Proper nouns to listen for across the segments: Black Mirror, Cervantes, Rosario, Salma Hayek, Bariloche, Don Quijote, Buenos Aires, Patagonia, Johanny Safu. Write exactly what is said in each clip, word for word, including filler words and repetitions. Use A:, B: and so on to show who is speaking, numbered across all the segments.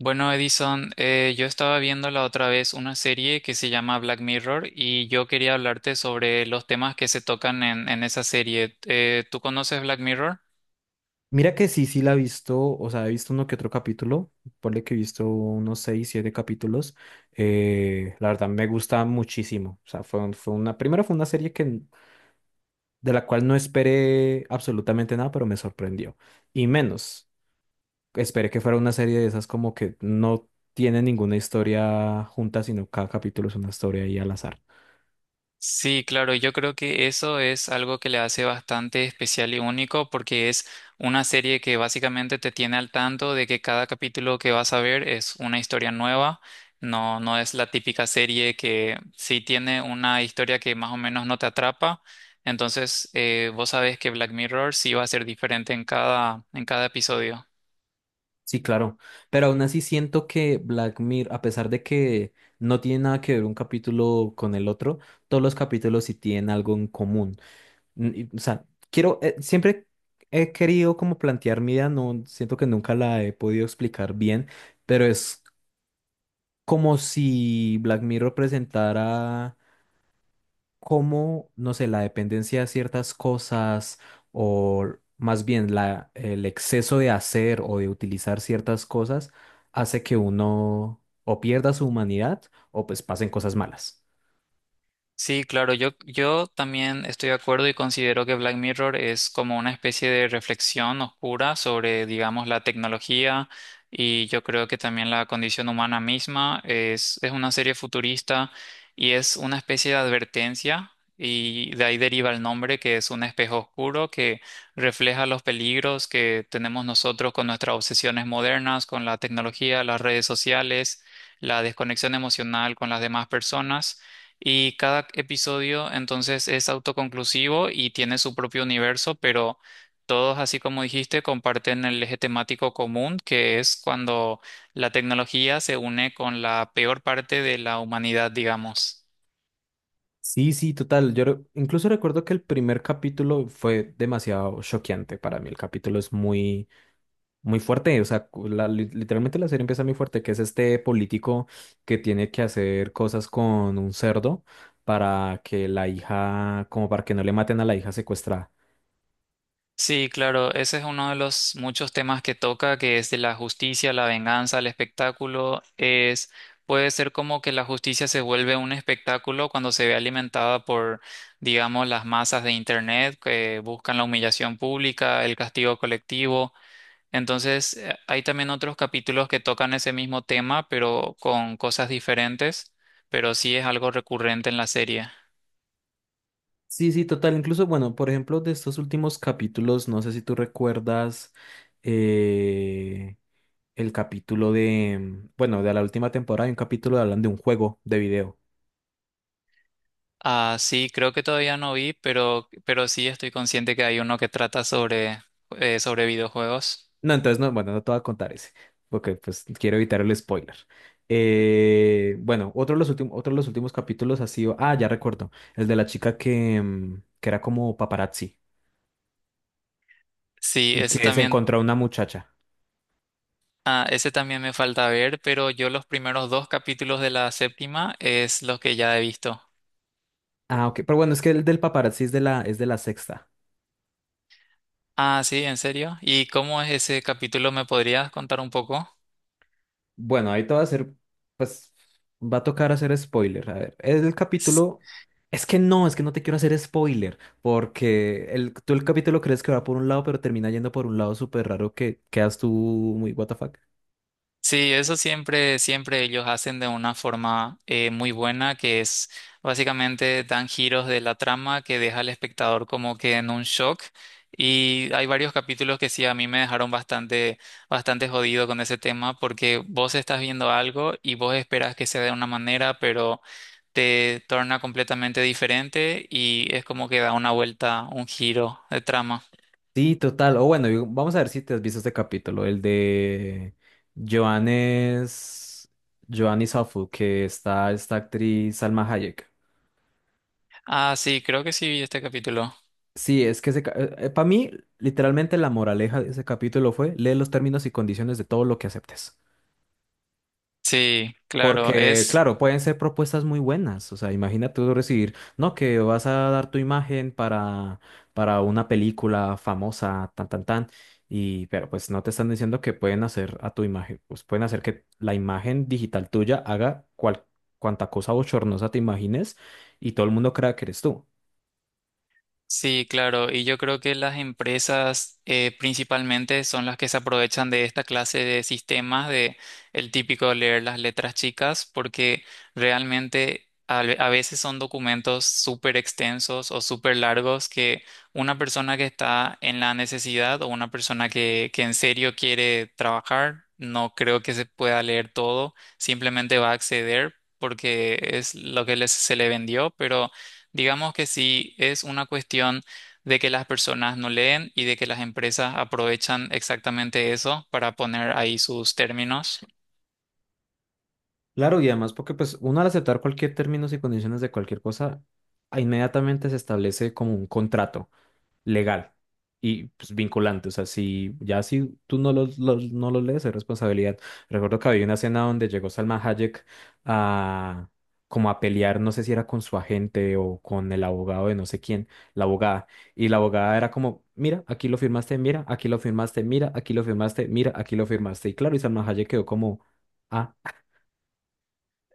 A: Bueno, Edison, eh, yo estaba viendo la otra vez una serie que se llama Black Mirror y yo quería hablarte sobre los temas que se tocan en, en esa serie. Eh, ¿tú conoces Black Mirror?
B: Mira que sí, sí la he visto. O sea, he visto uno que otro capítulo, ponle que he visto unos seis, siete capítulos. Eh, la verdad me gusta muchísimo. O sea, fue, un- fue una, primero fue una serie que, de la cual no esperé absolutamente nada, pero me sorprendió, y menos, esperé que fuera una serie de esas como que no tiene ninguna historia junta, sino cada capítulo es una historia ahí al azar.
A: Sí, claro, yo creo que eso es algo que le hace bastante especial y único porque es una serie que básicamente te tiene al tanto de que cada capítulo que vas a ver es una historia nueva, no, no es la típica serie que sí tiene una historia que más o menos no te atrapa, entonces eh, vos sabés que Black Mirror sí va a ser diferente en cada, en cada episodio.
B: Sí, claro, pero aún así siento que Black Mirror, a pesar de que no tiene nada que ver un capítulo con el otro, todos los capítulos sí tienen algo en común. N- y, o sea, quiero, eh, siempre he querido como plantear mi idea. No siento que nunca la he podido explicar bien, pero es como si Black Mirror presentara cómo, no sé, la dependencia de ciertas cosas, o más bien la, el exceso de hacer o de utilizar ciertas cosas hace que uno o pierda su humanidad o pues pasen cosas malas.
A: Sí, claro, yo, yo también estoy de acuerdo y considero que Black Mirror es como una especie de reflexión oscura sobre, digamos, la tecnología y yo creo que también la condición humana misma es, es una serie futurista y es una especie de advertencia y de ahí deriva el nombre, que es un espejo oscuro que refleja los peligros que tenemos nosotros con nuestras obsesiones modernas, con la tecnología, las redes sociales, la desconexión emocional con las demás personas. Y cada episodio entonces es autoconclusivo y tiene su propio universo, pero todos, así como dijiste, comparten el eje temático común, que es cuando la tecnología se une con la peor parte de la humanidad, digamos.
B: Sí, sí, total. Yo re- incluso recuerdo que el primer capítulo fue demasiado choqueante para mí. El capítulo es muy muy fuerte. O sea, cu- la- li- literalmente la serie empieza muy fuerte, que es este político que tiene que hacer cosas con un cerdo para que la hija, como para que no le maten a la hija secuestrada.
A: Sí, claro, ese es uno de los muchos temas que toca, que es de la justicia, la venganza, el espectáculo. Es, puede ser como que la justicia se vuelve un espectáculo cuando se ve alimentada por, digamos, las masas de internet que buscan la humillación pública, el castigo colectivo. Entonces, eh, hay también otros capítulos que tocan ese mismo tema, pero con cosas diferentes, pero sí es algo recurrente en la serie.
B: Sí, sí, total. Incluso, bueno, por ejemplo, de estos últimos capítulos, no sé si tú recuerdas, eh, el capítulo de, bueno, de la última temporada, hay un capítulo de hablan de un juego de video.
A: Ah, sí, creo que todavía no vi, pero, pero sí estoy consciente que hay uno que trata sobre, eh, sobre videojuegos.
B: No, entonces no, bueno, no te voy a contar ese, porque pues quiero evitar el spoiler. Eh, bueno, otro de los últimos, otro de los últimos capítulos ha sido, ah, ya recuerdo, el de la chica que, mm, que era como paparazzi
A: Sí,
B: y
A: ese
B: que se
A: también,
B: encontró a una muchacha.
A: ah, ese también me falta ver, pero yo los primeros dos capítulos de la séptima es los que ya he visto.
B: Ah, ok, pero bueno, es que el del paparazzi es de la, es de la sexta.
A: Ah, sí, ¿en serio? ¿Y cómo es ese capítulo? ¿Me podrías contar un poco?
B: Bueno, ahí te va a hacer, pues va a tocar hacer spoiler. A ver, el capítulo, es que no, es que no te quiero hacer spoiler, porque el, tú el capítulo crees que va por un lado, pero termina yendo por un lado súper raro que quedas tú muy what the fuck.
A: Sí, eso siempre, siempre ellos hacen de una forma eh, muy buena, que es básicamente dan giros de la trama que deja al espectador como que en un shock. Y hay varios capítulos que sí a mí me dejaron bastante, bastante jodido con ese tema, porque vos estás viendo algo y vos esperas que sea de una manera, pero te torna completamente diferente y es como que da una vuelta, un giro de trama.
B: Sí, total. O bueno, yo- vamos a ver si te has visto este capítulo, el de Johannes, Johanny Safu, que está esta actriz Salma Hayek.
A: Ah, sí, creo que sí vi este capítulo.
B: Sí, es que para mí, literalmente la moraleja de ese capítulo fue, lee los términos y condiciones de todo lo que aceptes.
A: Sí, claro,
B: Porque,
A: es.
B: claro, pueden ser propuestas muy buenas. O sea, imagínate tú recibir, no, que vas a dar tu imagen para, para una película famosa, tan, tan, tan. Y, pero pues no te están diciendo que pueden hacer a tu imagen, pues pueden hacer que la imagen digital tuya haga cual, cuanta cosa bochornosa te imagines y todo el mundo crea que eres tú.
A: Sí, claro, y yo creo que las empresas eh, principalmente son las que se aprovechan de esta clase de sistemas, de el típico leer las letras chicas, porque realmente a, ve- a veces son documentos súper extensos o súper largos, que una persona que está en la necesidad o una persona que, que en serio quiere trabajar, no creo que se pueda leer todo, simplemente va a acceder porque es lo que les- se le vendió, pero... Digamos que sí es una cuestión de que las personas no leen y de que las empresas aprovechan exactamente eso para poner ahí sus términos.
B: Claro, y además porque pues uno al aceptar cualquier términos y condiciones de cualquier cosa, inmediatamente se establece como un contrato legal y pues vinculante. O sea, si ya si tú no los, los- no los lees, es responsabilidad. Recuerdo que había una escena donde llegó Salma Hayek a como a pelear, no sé si era con su agente o con el abogado de no sé quién, la abogada. Y la abogada era como, mira, aquí lo firmaste, mira, aquí lo firmaste, mira, aquí lo firmaste, mira, aquí lo firmaste. Y claro, y Salma Hayek quedó como, ah,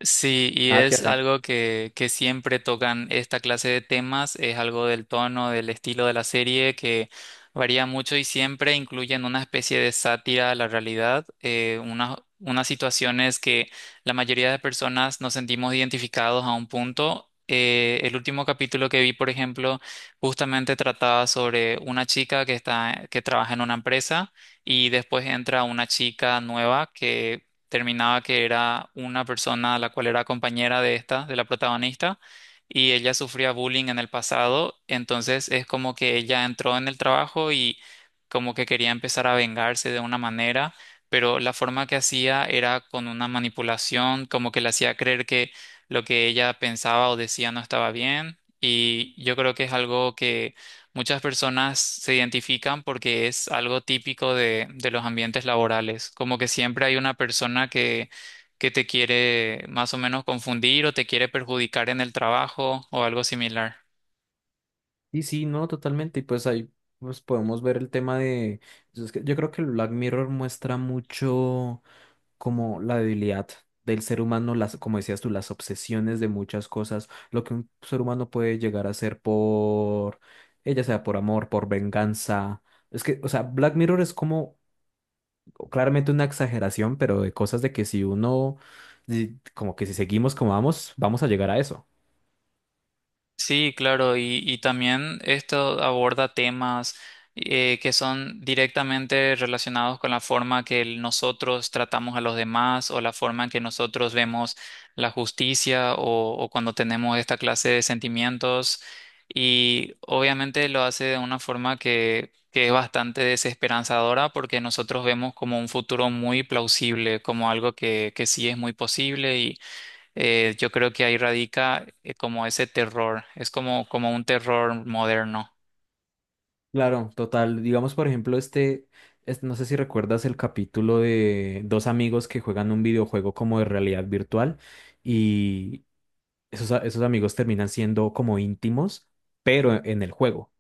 A: Sí, y
B: nada que
A: es
B: hacer.
A: algo que, que siempre tocan esta clase de temas, es algo del tono, del estilo de la serie, que varía mucho y siempre incluyen una especie de sátira a la realidad, eh, unas, unas situaciones que la mayoría de personas nos sentimos identificados a un punto. Eh, el último capítulo que vi, por ejemplo, justamente trataba sobre una chica que está, que trabaja en una empresa, y después entra una chica nueva, que terminaba que era una persona la cual era compañera de esta, de la protagonista, y ella sufría bullying en el pasado, entonces es como que ella entró en el trabajo y como que quería empezar a vengarse de una manera, pero la forma que hacía era con una manipulación, como que le hacía creer que lo que ella pensaba o decía no estaba bien, y yo creo que es algo que muchas personas se identifican, porque es algo típico de, de los ambientes laborales, como que siempre hay una persona que, que te quiere más o menos confundir o te quiere perjudicar en el trabajo o algo similar.
B: Y sí, no, totalmente. Y pues ahí pues podemos ver el tema de, pues, es que yo creo que el Black Mirror muestra mucho como la debilidad del ser humano, las, como decías tú, las obsesiones de muchas cosas, lo que un ser humano puede llegar a hacer por, ella sea por amor, por venganza. Es que, o sea, Black Mirror es como claramente una exageración, pero de cosas de que si uno, di- como que si seguimos como vamos, vamos a llegar a eso.
A: Sí, claro, y, y también esto aborda temas eh, que son directamente relacionados con la forma que el- nosotros tratamos a los demás, o la forma en que nosotros vemos la justicia o, o cuando tenemos esta clase de sentimientos. Y obviamente lo hace de una forma que, que es bastante desesperanzadora, porque nosotros vemos como un futuro muy plausible, como algo que, que sí es muy posible. Eh, yo creo que ahí radica eh, como ese terror, es como, como un terror moderno.
B: Claro, total. Digamos, por ejemplo, este, es- no sé si recuerdas el capítulo de dos amigos que juegan un videojuego como de realidad virtual, y esos, a- esos amigos terminan siendo como íntimos, pero e, en el juego,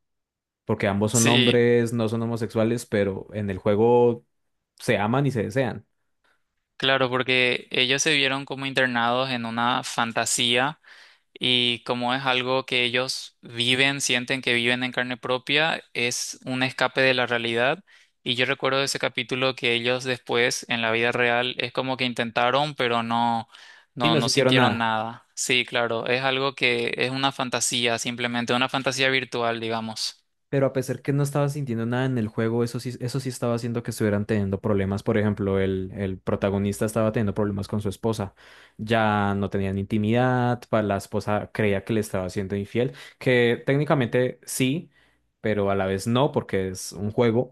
B: porque ambos son
A: Sí,
B: hombres, no son homosexuales, pero en el juego se aman y se desean.
A: claro, porque ellos se vieron como internados en una fantasía, y como es algo que ellos viven, sienten que viven en carne propia, es un escape de la realidad. Y yo recuerdo ese capítulo, que ellos después en la vida real es como que intentaron, pero no,
B: Sí,
A: no,
B: no
A: no
B: sintieron
A: sintieron
B: nada,
A: nada. Sí, claro, es algo que es una fantasía, simplemente una fantasía virtual, digamos.
B: pero a pesar que no estaba sintiendo nada en el juego, eso sí, eso sí estaba haciendo que estuvieran teniendo problemas. Por ejemplo, el, el protagonista estaba teniendo problemas con su esposa, ya no tenían intimidad, pa- la esposa creía que le estaba siendo infiel, que técnicamente sí, pero a la vez no, porque es un juego.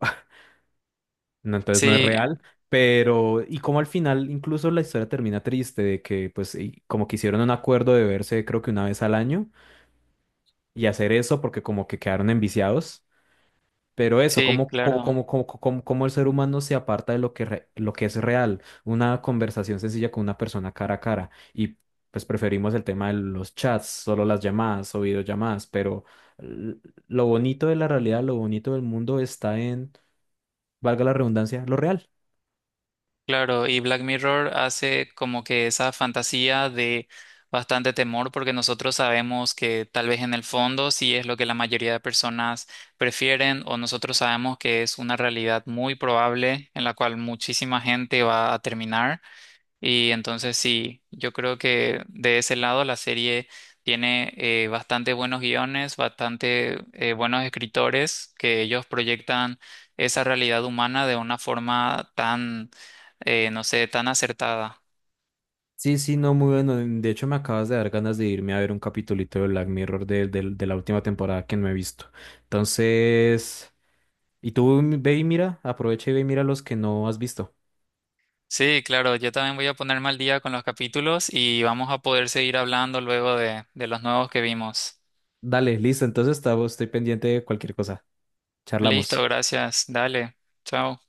B: No, entonces no es
A: Sí,
B: real, pero y como al final incluso la historia termina triste de que pues y como que hicieron un acuerdo de verse creo que una vez al año y hacer eso porque como que quedaron enviciados, pero eso,
A: sí,
B: como como
A: claro,
B: como como como, como el ser humano se aparta de lo que re- lo que es real, una conversación sencilla con una persona cara a cara. Y pues preferimos el tema de los chats, solo las llamadas o videollamadas, pero l- lo bonito de la realidad, lo bonito del mundo está en, valga la redundancia, lo real.
A: claro. Y Black Mirror hace como que esa fantasía de bastante temor, porque nosotros sabemos que tal vez en el fondo sí es lo que la mayoría de personas prefieren, o nosotros sabemos que es una realidad muy probable en la cual muchísima gente va a terminar. Y entonces sí, yo creo que de ese lado la serie tiene eh, bastante buenos guiones, bastante eh, buenos escritores, que ellos proyectan esa realidad humana de una forma tan, eh, no sé, tan acertada.
B: Sí, sí, no, muy bueno. De hecho, me acabas de dar ganas de irme a ver un capitulito de Black Mirror de, del- de la última temporada que no he visto. Entonces, y tú ve y mira, aprovecha y ve y mira los que no has visto.
A: Sí, claro, yo también voy a ponerme al día con los capítulos y vamos a poder seguir hablando luego de, de los nuevos que vimos.
B: Dale, listo. Entonces, estaba- estoy pendiente de cualquier cosa.
A: Listo,
B: Charlamos.
A: gracias, dale, chao.